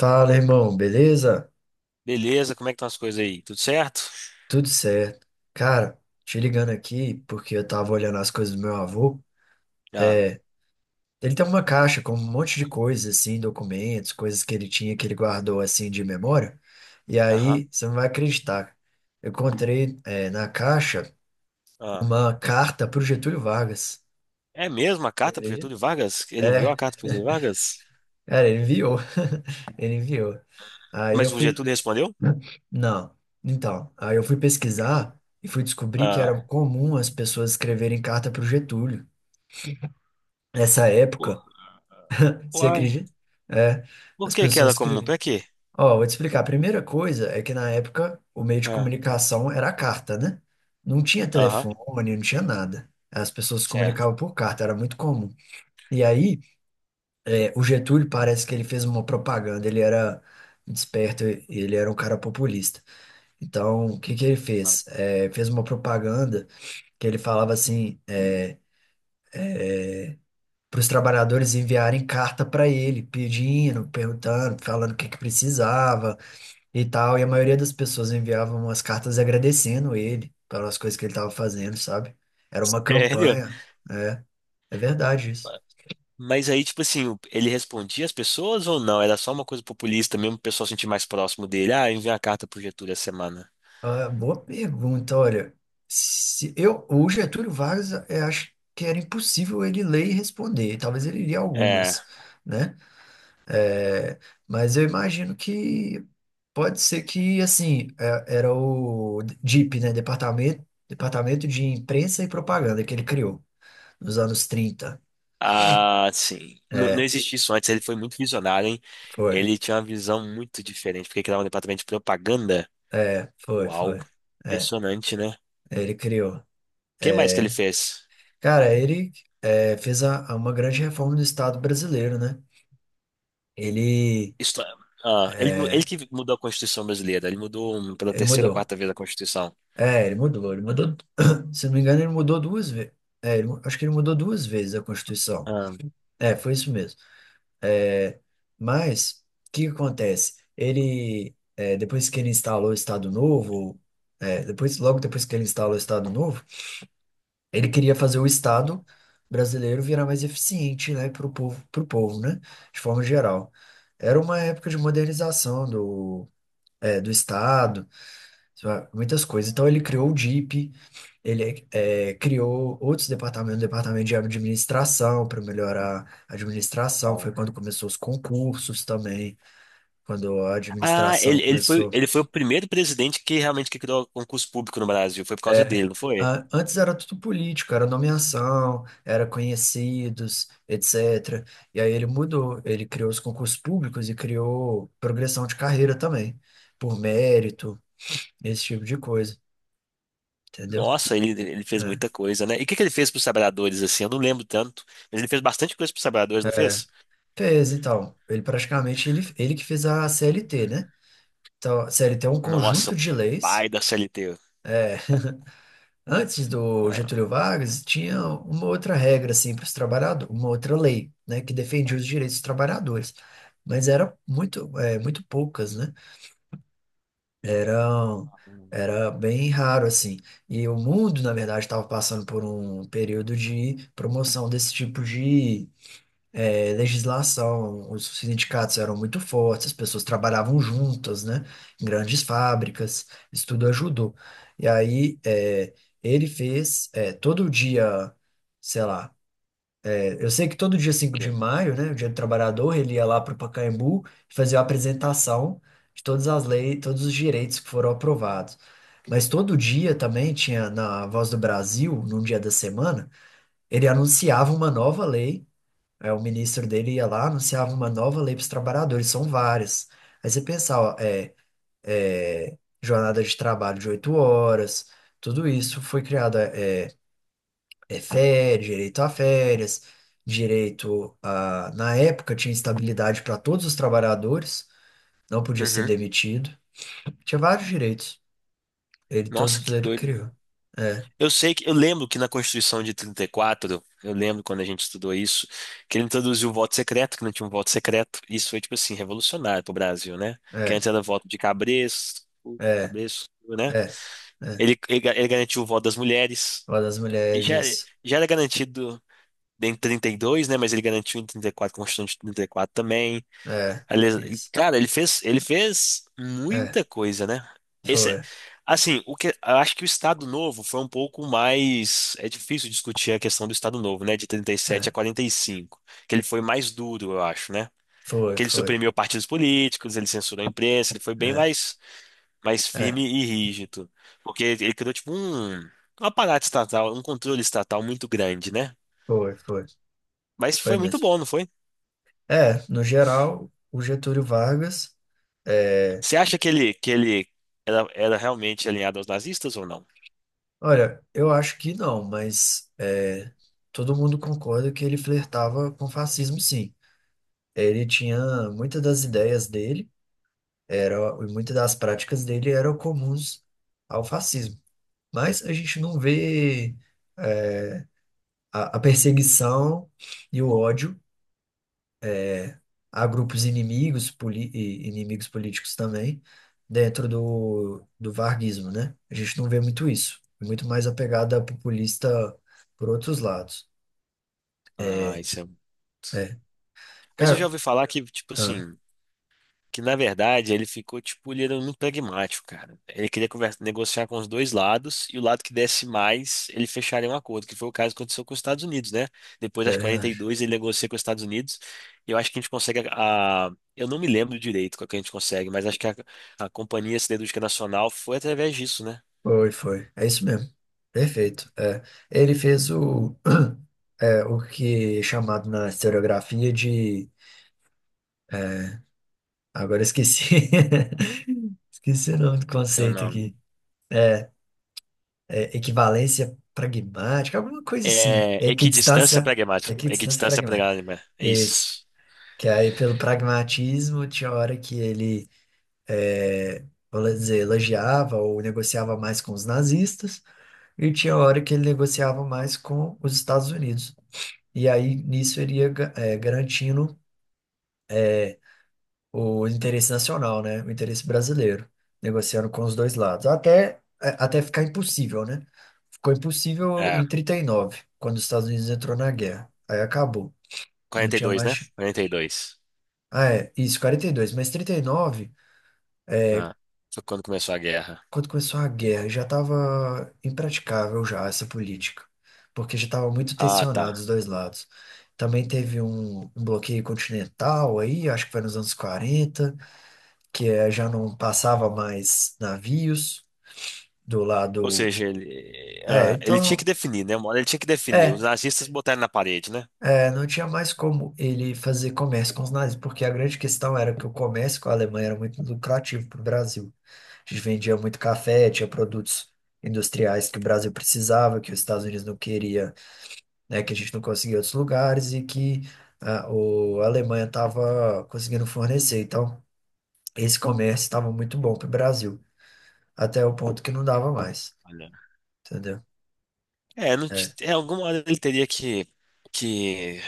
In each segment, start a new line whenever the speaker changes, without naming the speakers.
Fala, irmão, beleza?
Beleza, como é que estão as coisas aí? Tudo certo?
Tudo certo. Cara, te ligando aqui porque eu tava olhando as coisas do meu avô.
Ah,
É, ele tem uma caixa com um monte de coisas, assim, documentos, coisas que ele tinha que ele guardou, assim, de memória. E
aham.
aí, você não vai acreditar. Eu encontrei, na caixa
Ah.
uma carta pro Getúlio Vargas.
É mesmo a
Você
carta pro
acredita?
Getúlio Vargas? Ele enviou
É,
a carta pro Getúlio Vargas?
cara, ele enviou. Ele enviou. Aí eu
Mas o
fui
Getúlio respondeu?
Não. Então, aí eu fui pesquisar e fui descobrir que
Ah,
era comum as pessoas escreverem carta para o Getúlio. Nessa
por-
época, você
uai,
acredita? É,
por
as
que que
pessoas
era comum?
escreviam.
Pra quê?
Ó, vou te explicar. A primeira coisa é que na época o meio de
Ah,
comunicação era a carta, né? Não tinha
aham,
telefone, não tinha nada. As pessoas se
certo.
comunicavam por carta, era muito comum. E aí, o Getúlio parece que ele fez uma propaganda, ele era desperto, ele era um cara populista. Então, o que que ele
Ah,
fez? Fez uma propaganda que ele falava assim, para os trabalhadores enviarem carta para ele, pedindo, perguntando, falando o que que precisava e tal. E a maioria das pessoas enviavam umas cartas agradecendo ele pelas coisas que ele estava fazendo, sabe? Era uma
Sério?
campanha. É, É verdade isso.
Mas aí, tipo assim, ele respondia as pessoas ou não? Era só uma coisa populista mesmo, o pessoal sentir mais próximo dele. Ah, enviar a carta pro Getúlio essa semana.
Ah, boa pergunta, olha. Se eu, o Getúlio Vargas, eu acho que era impossível ele ler e responder. Talvez ele lia
É.
algumas, né? É, mas eu imagino que pode ser que, assim, era o DIP, né? Departamento de Imprensa e Propaganda que ele criou nos anos 30.
Ah, sim. Não
É,
existia isso antes, ele foi muito visionário, hein?
foi.
Ele tinha uma visão muito diferente, porque criava um departamento de propaganda.
É, foi,
Uau,
foi. É,
impressionante, né? O
ele criou.
que mais que ele fez?
Cara, ele fez a uma grande reforma no Estado brasileiro, né? Ele,
Isto- ah, ele, ele que mudou a Constituição brasileira, ele mudou pela
ele
terceira ou
mudou.
quarta vez a Constituição.
É, ele mudou, ele mudou. Se não me engano, ele mudou duas vezes. É, acho que ele mudou duas vezes a Constituição.
Ah,
É, foi isso mesmo. É, mas o que que acontece? Ele depois que ele instalou o Estado Novo, depois logo depois que ele instalou o Estado Novo, ele queria fazer o Estado brasileiro virar mais eficiente, né, para o povo, pro povo, né, de forma geral. Era uma época de modernização do Estado muitas coisas. Então ele criou o DIP, ele criou outros departamentos, o departamento de administração para melhorar a administração. Foi
uau.
quando começou os concursos também, quando a
Ah, ele,
administração
ele foi,
começou.
ele foi o primeiro presidente que realmente que criou concurso público no Brasil, foi por causa
É,
dele, não foi?
antes era tudo político, era nomeação, era conhecidos, etc. E aí ele mudou, ele criou os concursos públicos e criou progressão de carreira também, por mérito, esse tipo de coisa, entendeu?
Nossa, ele fez
É,
muita coisa, né? E o que, que ele fez pros Sabradores, assim? Eu não lembro tanto, mas ele fez bastante coisa pros Sabradores, não
é.
fez?
Fez, então. Ele praticamente ele que fez a CLT, né? Então, a CLT é um
Nossa,
conjunto
o
de
pai
leis.
da CLT.
Antes do
Ah,
Getúlio Vargas, tinha uma outra regra assim para os trabalhadores, uma outra lei, né, que defendia os direitos dos trabalhadores. Mas era muito, muito poucas, né? Eram
hum,
era bem raro assim. E o mundo, na verdade, estava passando por um período de promoção desse tipo de legislação, os sindicatos eram muito fortes, as pessoas trabalhavam juntas, né, em grandes fábricas, isso tudo ajudou. E aí ele fez todo dia, sei lá, eu sei que todo dia 5 de
que-
maio, né, o Dia do Trabalhador, ele ia lá para o Pacaembu e fazia a apresentação de todas as leis, todos os direitos que foram aprovados. Mas todo dia também tinha na Voz do Brasil, num dia da semana, ele anunciava uma nova lei. O ministro dele ia lá, anunciava uma nova lei para os trabalhadores, são várias. Aí você pensava, é, jornada de trabalho de 8 horas, tudo isso foi criado, é férias, direito a... Na época tinha estabilidade para todos os trabalhadores, não podia ser
Uhum.
demitido, tinha vários direitos, ele
Nossa,
todos
que
ele
doido.
criou. É,
Eu sei que eu lembro que na Constituição de 34, eu lembro quando a gente estudou isso, que ele introduziu o voto secreto, que não tinha um voto secreto. Isso foi, tipo assim, revolucionário pro Brasil, né? Que
é,
antes era voto de cabresto,
é,
cabresto, né?
é, é.
Ele garantiu o voto das mulheres.
Uma das
E
mulheres,
já,
isso.
já era garantido em trinta e dois, né? Mas ele garantiu em 34, Constituição de 34 também.
É,
Aliás, e,
isso.
cara, ele fez
É,
muita coisa, né? Esse,
foi.
assim, o que, eu acho que o Estado Novo foi um pouco mais. É difícil discutir a questão do Estado Novo, né? De trinta e sete a
É.
45 que ele foi mais duro, eu acho, né?
Foi,
Que ele
foi.
suprimiu partidos políticos, ele censurou a imprensa, ele foi bem
É,
mais firme
é,
e rígido. Porque ele criou, tipo, um aparato estatal, um controle estatal muito grande, né?
foi, foi.
Mas
Foi
foi muito
mesmo.
bom, não foi?
É, no geral, o Getúlio Vargas. É,
Você acha que ele era realmente alinhado aos nazistas ou não?
olha, eu acho que não, mas todo mundo concorda que ele flertava com fascismo, sim. Ele tinha muitas das ideias dele, era, e muitas das práticas dele eram comuns ao fascismo. Mas a gente não vê é, a perseguição e o ódio a grupos inimigos, e inimigos políticos também, dentro do varguismo, né? A gente não vê muito isso. É muito mais a pegada populista por outros lados.
Ah,
É,
isso é...
é.
Mas eu já
Cara,
ouvi falar que, tipo
ah,
assim, que na verdade ele ficou, tipo, ele era muito pragmático, cara. Ele queria conversa, negociar com os dois lados e o lado que desse mais, ele fecharia um acordo, que foi o caso que aconteceu com os Estados Unidos, né? Depois
é
das
verdade.
42, ele negocia com os Estados Unidos e eu acho que a gente consegue eu não me lembro direito qual que a gente consegue, mas acho que a Companhia Siderúrgica Nacional foi através disso, né?
Foi, foi. É isso mesmo. Perfeito. É. Ele fez o, o que é chamado na historiografia de. Agora eu esqueci. Esqueci o nome do
É o
conceito
nome.
aqui. Equivalência pragmática, alguma coisa assim.
É, equidistância pragmática.
Equidistância
Equidistância
pragmática.
pragmática.
Isso.
Isso.
Que aí, pelo pragmatismo, tinha hora que ele, vamos dizer, elogiava ou negociava mais com os nazistas, e tinha hora que ele negociava mais com os Estados Unidos. E aí, nisso, ele ia garantindo o interesse nacional, né? O interesse brasileiro, negociando com os dois lados, até, até ficar impossível, né? Ficou impossível
É,
em 39 quando os Estados Unidos entrou na guerra. Aí acabou, não tinha
42, né?
mais.
42.
Ah, é, isso, 42. Mas 39,
Ah, foi quando começou a guerra.
quando começou a guerra, já estava impraticável já essa política, porque já estava muito
Ah,
tensionado
tá.
os dois lados. Também teve um, bloqueio continental aí, acho que foi nos anos 40, que já não passava mais navios. Do
Ou
lado.
seja, ele,
É,
ah, ele tinha que
então.
definir, né? Uma hora ele tinha que definir. Os
É,
nazistas botaram na parede, né?
é, não tinha mais como ele fazer comércio com os nazis, porque a grande questão era que o comércio com a Alemanha era muito lucrativo para o Brasil. A gente vendia muito café, tinha produtos industriais que o Brasil precisava, que os Estados Unidos não queria, né, que a gente não conseguia em outros lugares e que ah, a Alemanha estava conseguindo fornecer. Então, esse comércio estava muito bom para o Brasil, até o ponto que não dava mais,
Olha.
entendeu?
É, não,
É,
é, alguma hora ele teria que, que,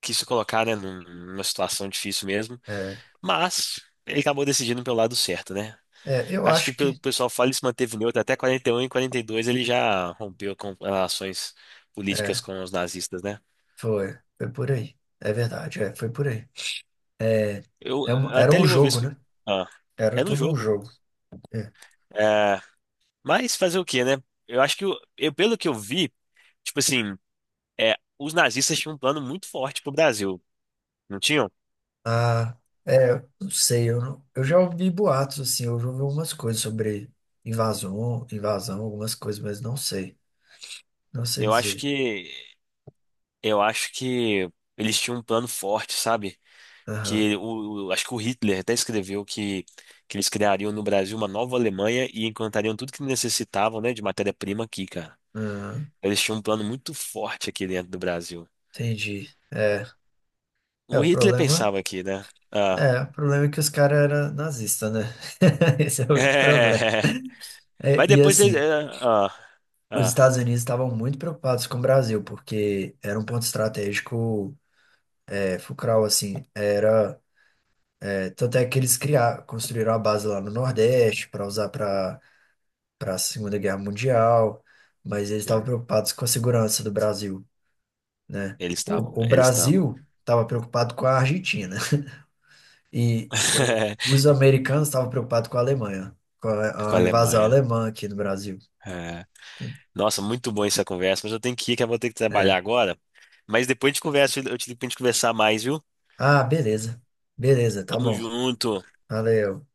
que se colocar, né, numa situação difícil mesmo.
é,
Mas ele acabou decidindo pelo lado certo, né?
é, eu
Acho que
acho
pelo
que.
pessoal fala ele se manteve neutro até 41 e 42 ele já rompeu com relações políticas
é,
com os nazistas, né?
Foi, foi por aí. É verdade, foi por aí. É,
Eu
era
até
um
li uma vez
jogo,
que
né?
ah,
Era
é no
todo um
jogo.
jogo. É.
É, mas fazer o quê, né? Eu acho que eu, pelo que eu vi, tipo assim, é, os nazistas tinham um plano muito forte pro Brasil, não tinham?
Ah, eu não sei, eu, não- eu já ouvi boatos, assim, eu já ouvi algumas coisas sobre invasão, invasão, algumas coisas, mas não sei. Não sei
Eu acho
dizer.
que eu acho que eles tinham um plano forte, sabe?
Aham,
Que acho que o Hitler até escreveu que, eles criariam no Brasil uma nova Alemanha e encantariam tudo que necessitavam, né, de matéria-prima aqui, cara.
aham,
Eles tinham um plano muito forte aqui dentro do Brasil.
entendi. É, é,
O
o
Hitler
problema.
pensava aqui, né? Ah,
É, o problema é que os caras eram nazistas, né? Esse é o único problema.
mas
É, e
depois eles,
assim,
ah,
os
ah,
Estados Unidos estavam muito preocupados com o Brasil, porque era um ponto estratégico. É, Fucral, assim, era. Tanto é que eles criaram, construíram a base lá no Nordeste para usar para a Segunda Guerra Mundial, mas eles estavam
sim,
preocupados com a segurança do Brasil, né?
eles estavam,
O
eles estavam
Brasil estava preocupado com a Argentina e os americanos estavam preocupados com a Alemanha, com
com
a,
a
a invasão
Alemanha.
alemã aqui no Brasil,
É. Nossa, muito bom essa conversa, mas eu tenho que ir, que eu vou ter que trabalhar
né?
agora. Mas depois a gente conversa, eu te digo pra gente conversar mais, viu?
Ah, beleza, beleza, tá
Tamo
bom,
junto.
valeu.